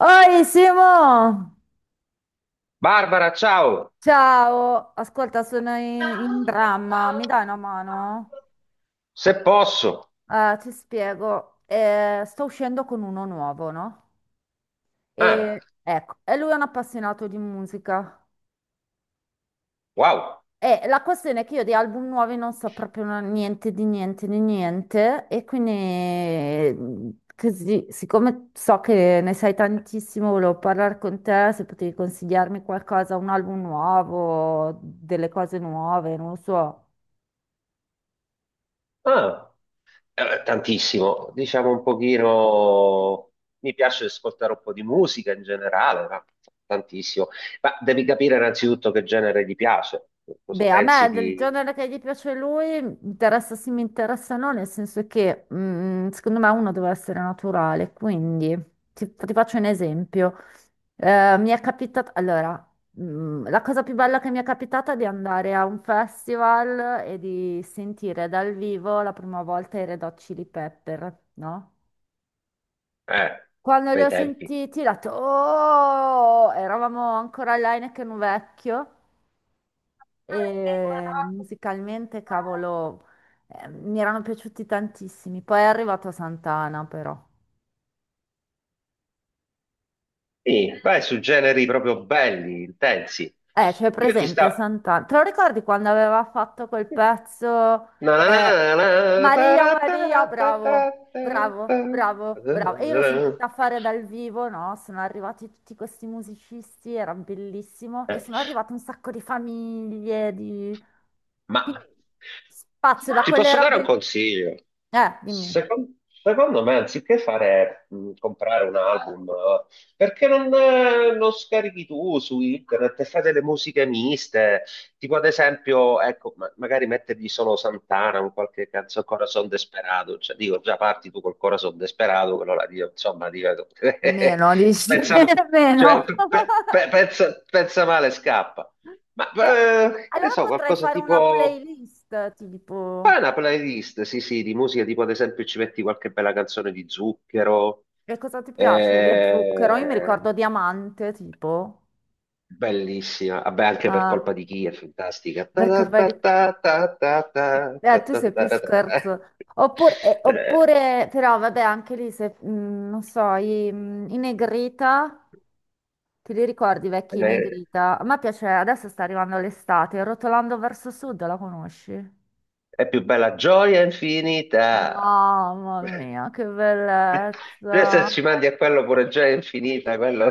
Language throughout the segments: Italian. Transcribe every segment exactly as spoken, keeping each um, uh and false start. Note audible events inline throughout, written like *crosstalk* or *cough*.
Oi Simo! Barbara, ciao! Ciao! Ascolta, sono in, in dramma, mi dai una mano? Se posso. Eh, ti spiego. Eh, sto uscendo con uno nuovo, no? Ah, E, ecco, e lui è un appassionato di musica. wow. E la questione è che io di album nuovi non so proprio na- niente di niente di niente, e quindi mm, così, siccome so che ne sai tantissimo, volevo parlare con te se potevi consigliarmi qualcosa, un album nuovo, delle cose nuove, non lo so. Ah, eh, tantissimo. Diciamo un pochino. Mi piace ascoltare un po' di musica in generale, ma tantissimo. Ma devi capire innanzitutto che genere ti piace. Cosa Beh, a pensi me del di. genere che gli piace a lui interessa sì, mi interessa no, nel senso che mm, secondo me uno deve essere naturale, quindi ti, ti faccio un esempio. Eh, mi è capitato, allora, mm, la cosa più bella che mi è capitata è di andare a un festival e di sentire dal vivo la prima volta i Red Hot Chili Pepper, no? Eh, Quando li bei ho tempi. sentiti, ho detto, oh, eravamo ancora all'Heineken vecchio. E eh, musicalmente, cavolo, eh, mi erano piaciuti tantissimi. Poi è arrivato Santana, però. Sì, vai su generi proprio belli, intensi. Eh, c'è Io ti presente stavo. Santana. Te lo ricordi quando aveva fatto quel pezzo? Na na na eh, na, na, Maria, tara tara Maria, ta ta bravo, ta ta, bravo, bravo, bravo. E io l'ho ta. sentita fare dal vivo, no? Sono arrivati tutti questi musicisti, era bellissimo. E sono arrivate un sacco di famiglie, di... Ma Quindi spazio da ti quelle posso dare robe un lì. consiglio? Eh, dimmi. Secon- Secondo me, anziché fare, mh, comprare un album, eh, perché non, eh, non scarichi tu su internet e fai delle musiche miste, tipo ad esempio, ecco, ma- magari mettergli solo Santana, un qualche canzone, Corazon Desperado, cioè dico, già parti tu col Corazon Desperado, quello là, dico, insomma, dico, *laughs* Meno, dici? *laughs* pensa, cioè, Meno. *laughs* pe- pe- pe- pensa pensa male, scappa. Ma Beh, eh, che ne allora so, potrei qualcosa fare una tipo. playlist, Fai tipo, una playlist, sì, sì, di musica, tipo ad esempio ci metti qualche bella canzone di Zucchero, e cosa ti piace di zucchero? Io mi eh, ricordo diamante, tipo, bellissima, vabbè anche per ah, colpa di chi è fantastica. perché Ta ta vedi, ta ta ta ta ta eh, tu ta sei ta più ta ta. scherzo. Oppure, eh, Eh, oppure, però, vabbè, anche lì, se, mm, non so, i, mm, i Negrita, ti li ricordi, i vecchi eh, Negrita? A me piace, adesso sta arrivando l'estate, Rotolando verso sud, la conosci? è più bella gioia infinita. Mamma *laughs* mia, che Eh, se bellezza. ci mandi a quello pure gioia infinita, quello.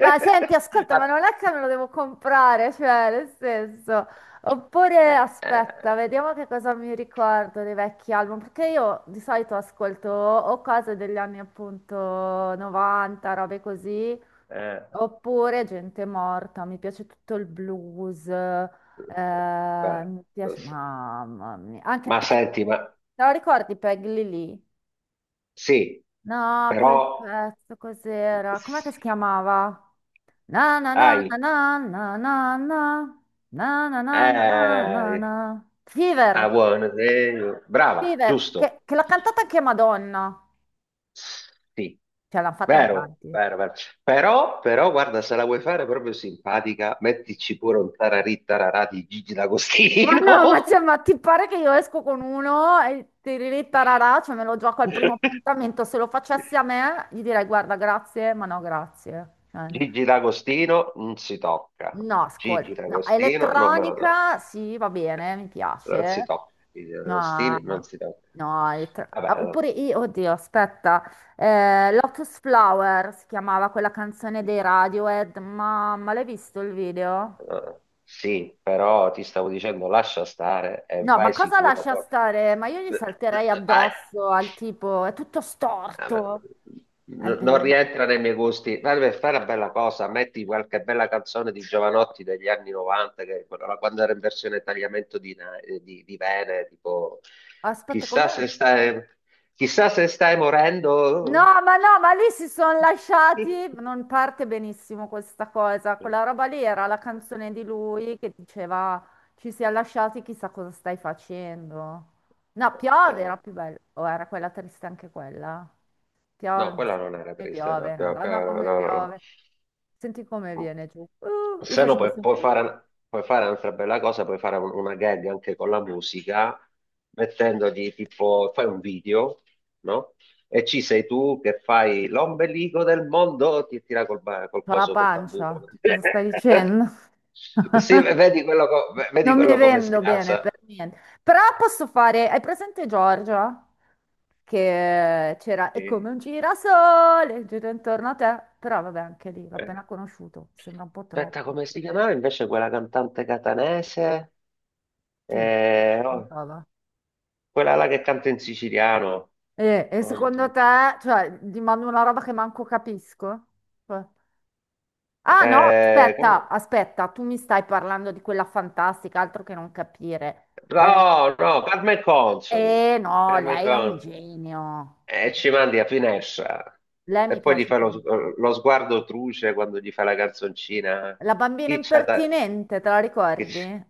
Ma senti, ascolta, Ah, ma non è che me lo devo comprare, cioè, nel senso. Oppure eh, aspetta, eh, vediamo che cosa mi ricordo dei vecchi album, perché io di solito ascolto o cose degli anni appunto novanta, robe così, eh, oppure gente morta, mi piace tutto il blues, eh, guarda, mi piace, mamma mia, anche ma Peg, senti, ma te lo ricordi Peg Lily? sì, No, quel però pezzo cos'era? Com'è che si chiamava? Na na na hai, na na na na na na na na na na na eh, na. ah, Fever, buono, eh, brava, Fever, giusto, che, che l'ha cantata anche Madonna. sì, Cioè, l'hanno fatta in vero, tanti. vero, vero. Però, però, guarda, se la vuoi fare proprio simpatica, mettici pure un tararì tararà di Gigi Ma D'Agostino. no, ma, cioè, ma ti pare che io esco con uno e tiriri tararà, cioè me lo gioco al primo *laughs* appuntamento. Se lo facessi a me, gli direi guarda, grazie, ma no, grazie. Cioè, Gigi D'Agostino non si tocca, no, ascolta, Gigi no, D'Agostino non me lo tocca, elettronica sì, va bene, mi non si piace. tocca, Gigi No, D'Agostino non si tocca. no, elettro- Vabbè, ah, allora. oppure io, oddio, aspetta, eh, Lotus Flower si chiamava quella canzone dei Radiohead, ma, ma l'hai visto il video? Eh, sì, però ti stavo dicendo lascia stare e No, ma vai cosa sicura. lascia Poi. stare? Ma io gli salterei Vai. addosso al tipo, è tutto Ah, beh, storto. È n- non bellissimo. rientra nei miei gusti. Dai, per fare una bella cosa, metti qualche bella canzone di Giovanotti degli anni novanta, che, quella- quando era in versione tagliamento di, na- eh, di, di vene, tipo Aspetta, chissà com'è? se stai, chissà se stai morendo. No, ma no, ma lì si sono lasciati, *laughs* non parte benissimo questa cosa, Eh, quella roba lì era la canzone di lui che diceva ci si è lasciati, chissà cosa stai facendo. No, piove era eh. più bella, o era quella triste anche quella? Piove, No, ma quella non era sì, triste, no, piove, no, madonna no, come no, no, no. piove. Senti come viene giù. Uh, io Se no facevo puoi, sempre... puoi uh. fare, puoi fare un'altra bella cosa, puoi fare un- una gag anche con la musica, mettendogli tipo, fai un video, no? E ci sei tu che fai l'ombelico del mondo, ti tira col, ba- col C'ho la coso, col tamburo. pancia. Cosa stai *laughs* dicendo? Sì, *laughs* vedi quello, co- vedi Non mi quello come vendo bene per sgasa. niente. Però posso fare. Hai presente Giorgia? Che c'era. È come Sì. un girasole, gira intorno a te. Però vabbè, anche lì l'ho Eh. appena conosciuto. Sembra un po' Aspetta, troppo. come si chiamava invece quella cantante catanese? Chi? Eh, Chi Oh. cantava? Quella là che canta in siciliano. E, e secondo te, cioè, gli mando una roba che manco capisco? Cioè, ah no, Eh, com- aspetta, aspetta, tu mi stai parlando di quella fantastica, altro che non capire. Eh, no, no, Carmen Consoli. Eh no, Carmen lei è un Consoli. genio. E ci mandi a finestra. Lei E mi poi gli piace fa lo, tanto. lo sguardo truce quando gli fa la canzoncina. La bambina Chi c'ha ta- impertinente, te la chi c- ricordi?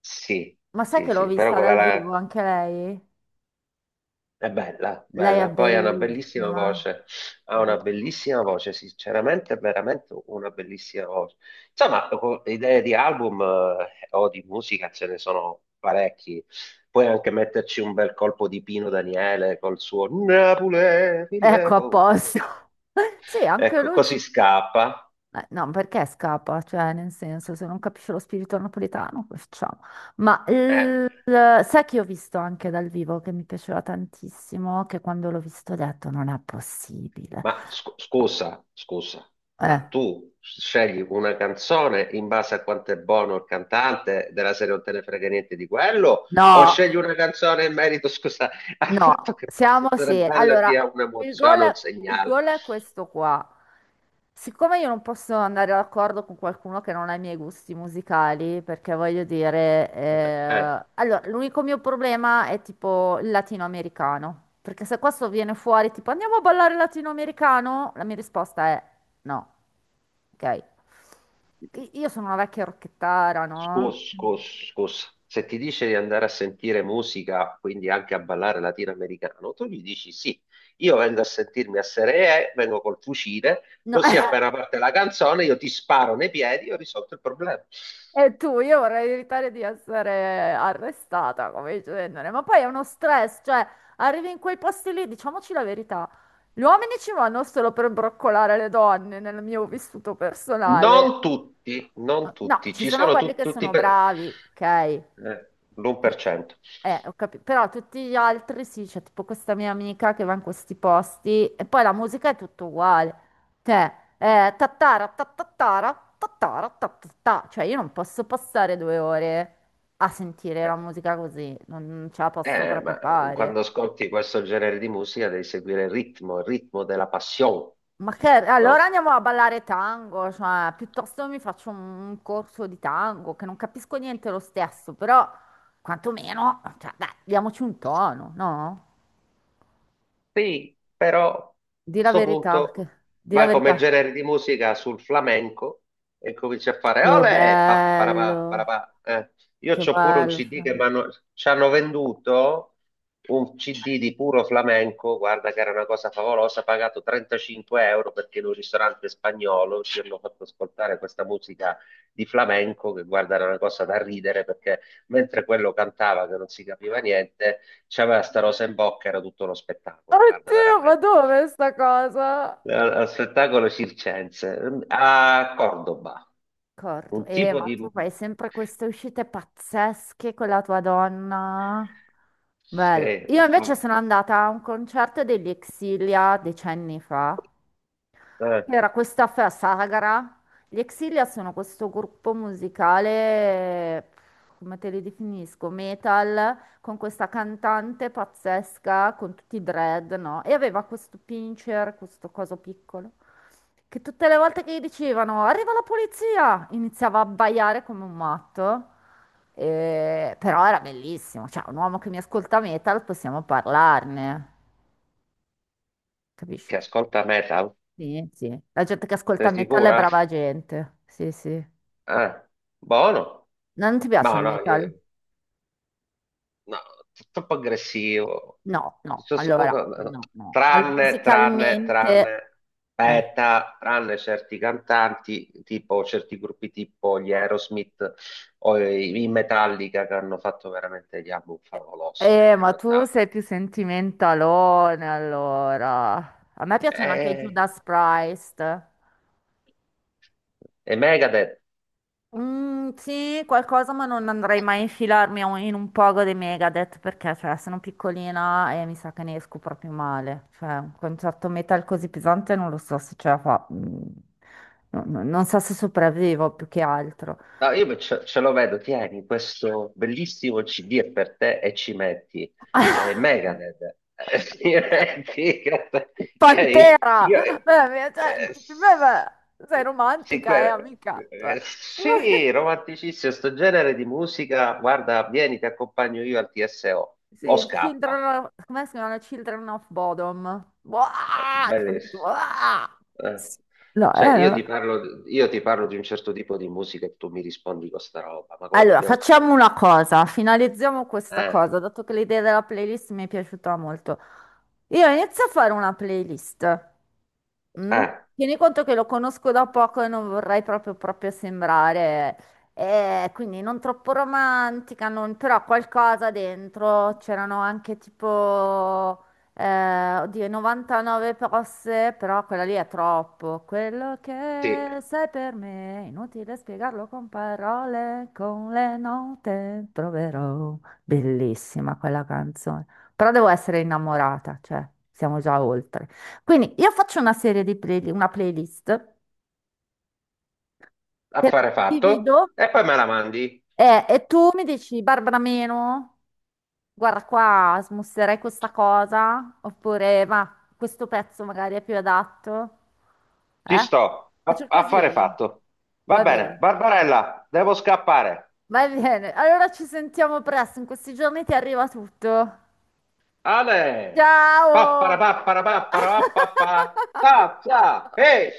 Sì, Ma sai sì, che l'ho sì, però vista quella dal vivo là anche lei? è bella, Lei è bella. Poi ha una bellissima bellissima. voce, ha una Bellissima. bellissima voce, sinceramente, è veramente una bellissima voce. Insomma, co- idee di album eh, o di musica ce ne sono parecchi. Puoi anche metterci un bel colpo di Pino Daniele col suo Napoli, mille Ecco, a paure. posto. *laughs* Sì, anche Ecco, lui. Ci- così scappa. Eh, no, perché scappa? Cioè, nel senso, se non capisce lo spirito napoletano, cosa facciamo? Ma Eh, il- sai che ho visto anche dal vivo che mi piaceva tantissimo, che quando l'ho visto ho detto non è possibile. Ma sc- scusa, scusa, Eh, ma tu scegli una canzone in base a quanto è buono il cantante della serie non te ne frega niente di quello, o No, scegli forse? una canzone in merito, *laughs* scusa, al fatto No, che possa siamo essere seri. bella e Allora, dia il gol, un'emozione, un il segnale? gol è questo qua. Siccome io non posso andare d'accordo con qualcuno che non ha i miei gusti musicali, perché voglio dire, Eh, eh, allora, l'unico mio problema è tipo il latinoamericano. Perché se questo viene fuori tipo andiamo a ballare latinoamericano, la mia risposta è no. Ok. Io sono una vecchia rocchettara, no? Scus, scus, scus. Se ti dice di andare a sentire musica, quindi anche a ballare latinoamericano, tu gli dici sì, io vengo a sentirmi a Seree, vengo col fucile, No. così appena *laughs* parte la canzone io ti sparo nei piedi e ho risolto il problema. E tu, io vorrei evitare di essere arrestata come genere, ma poi è uno stress, cioè arrivi in quei posti lì, diciamoci la verità, gli uomini ci vanno solo per broccolare le donne nel mio vissuto personale. Non tutti, non No, tutti, ci ci sono sono quelli tu- che tutti sono per. bravi, ok? eh, Perché- L'uno per cento. eh, ho capito. Però tutti gli altri sì, c'è tipo questa mia amica che va in questi posti e poi la musica è tutto uguale. Cioè, eh, tattara, tattattara, tattara, tattattà. Cioè, io non posso passare due ore a sentire Eh, la musica così, non, non ce la posso eh, proprio ma fare. quando ascolti questo genere di musica devi seguire il ritmo, il ritmo della passione, Ma che, allora no? andiamo a ballare tango, cioè, piuttosto mi faccio un un corso di tango, che non capisco niente lo stesso, però quantomeno, cioè, dai, diamoci un tono, no? Sì, però a Di la questo verità, che... punto di la vai come verità. genere di musica sul flamenco e cominci a fare Che bello, olè, pa, parapà, parapà. Eh, Io che c'ho pure un bello. C D che Flavio. m'hanno- ci hanno venduto, un C D di puro flamenco, guarda che era una cosa favolosa, pagato trentacinque euro perché in un ristorante spagnolo ci hanno fatto ascoltare questa musica di flamenco, che guarda era una cosa da ridere perché mentre quello cantava che non si capiva niente c'aveva sta rosa in bocca, era tutto uno spettacolo, guarda, Oddio, ma veramente. dove è sta cosa? Era uno spettacolo circense. A Cordoba, Corto. un Eh, tipo ma di. tu fai sempre queste uscite pazzesche con la tua donna. Bello. Sì, Io invece fa- sono andata a un concerto degli Exilia decenni fa. eh, Era questa festa sagra. Gli Exilia sono questo gruppo musicale, come te li definisco, metal, con questa cantante pazzesca, con tutti i dread, no? E aveva questo pincher, questo coso piccolo, che tutte le volte che gli dicevano arriva la polizia, iniziava a abbaiare come un matto. Eh, però era bellissimo, cioè un uomo che mi ascolta metal, possiamo parlarne, capisci? che ascolta metal, Sì, sì. La gente che ascolta sei metal è sicura? brava gente. Sì, sì. No, Eh, buono. non ti piace Ma il no, no, metal? no, t- troppo aggressivo. No, no. Cioè, suppo- Allora, no, no. Al- tranne, tranne, musicalmente... tranne, Eh. aspetta, tranne certi cantanti, tipo certi gruppi tipo gli Aerosmith o i, i Metallica che hanno fatto veramente gli album favolosi Eh, negli anni ma tu Ottanta. sei più sentimentalone, allora. A me piacciono anche i E, Judas Priest. e Megadeth. Mm, sì, qualcosa, ma non andrei mai a infilarmi a un- in un pogo dei Megadeth perché, cioè, sono piccolina e mi sa che ne esco proprio male. Cioè, un concerto metal così pesante non lo so se ce la fa. mm, no- no- non so se sopravvivo più che altro. No, io me- ce, ce lo vedo, tieni questo bellissimo C D è per te e ci metti eh, *laughs* Megadeth. Eh, sì, *laughs* che- cioè, Pantera! io, Beh, beh, cioè, eh, dici, beh, s- beh, sei sì, romantica, eh, que- amica. Cioè. eh, sì, *laughs* romanticissimo, sto genere di musica, guarda, vieni, ti accompagno io al T S O, o Sì, o il Children scappa, of- come si chiama? Children of Bodom. Buah, che fanno tutti, bellissimo. buah. Eh. No, Cioè, eh, no, io ti no. parlo, io ti parlo di un certo tipo di musica e tu mi rispondi con sta roba, ma come Allora, dobbiamo facciamo finire? una cosa, finalizziamo questa Eh, cosa, dato che l'idea della playlist mi è piaciuta molto. Io inizio a fare una playlist. Mm? eh. Tieni conto che lo conosco da poco e non vorrei proprio, proprio sembrare, eh, quindi non troppo romantica, non- però qualcosa dentro. C'erano anche tipo, eh, oddio, novantanove posse, però quella lì è troppo. Quello Sì, che sei per me, inutile spiegarlo con parole, con le note troverò. Bellissima quella canzone, però devo essere innamorata, cioè siamo già oltre. Quindi io faccio una serie di play- una playlist, te la affare fatto. divido E poi me la mandi. eh, e tu mi dici, Barbara meno, guarda qua, smusserei questa cosa, oppure ma questo pezzo magari è più adatto. Ci Eh? sto. A- Faccio Affare così? fatto. Va Va bene, bene, Barbarella, devo scappare. va bene. Allora ci sentiamo presto, in questi giorni ti arriva tutto. Ale! Pappara Ciao! pappara pappara pappara. Ciao, *laughs* ciao. Ehi!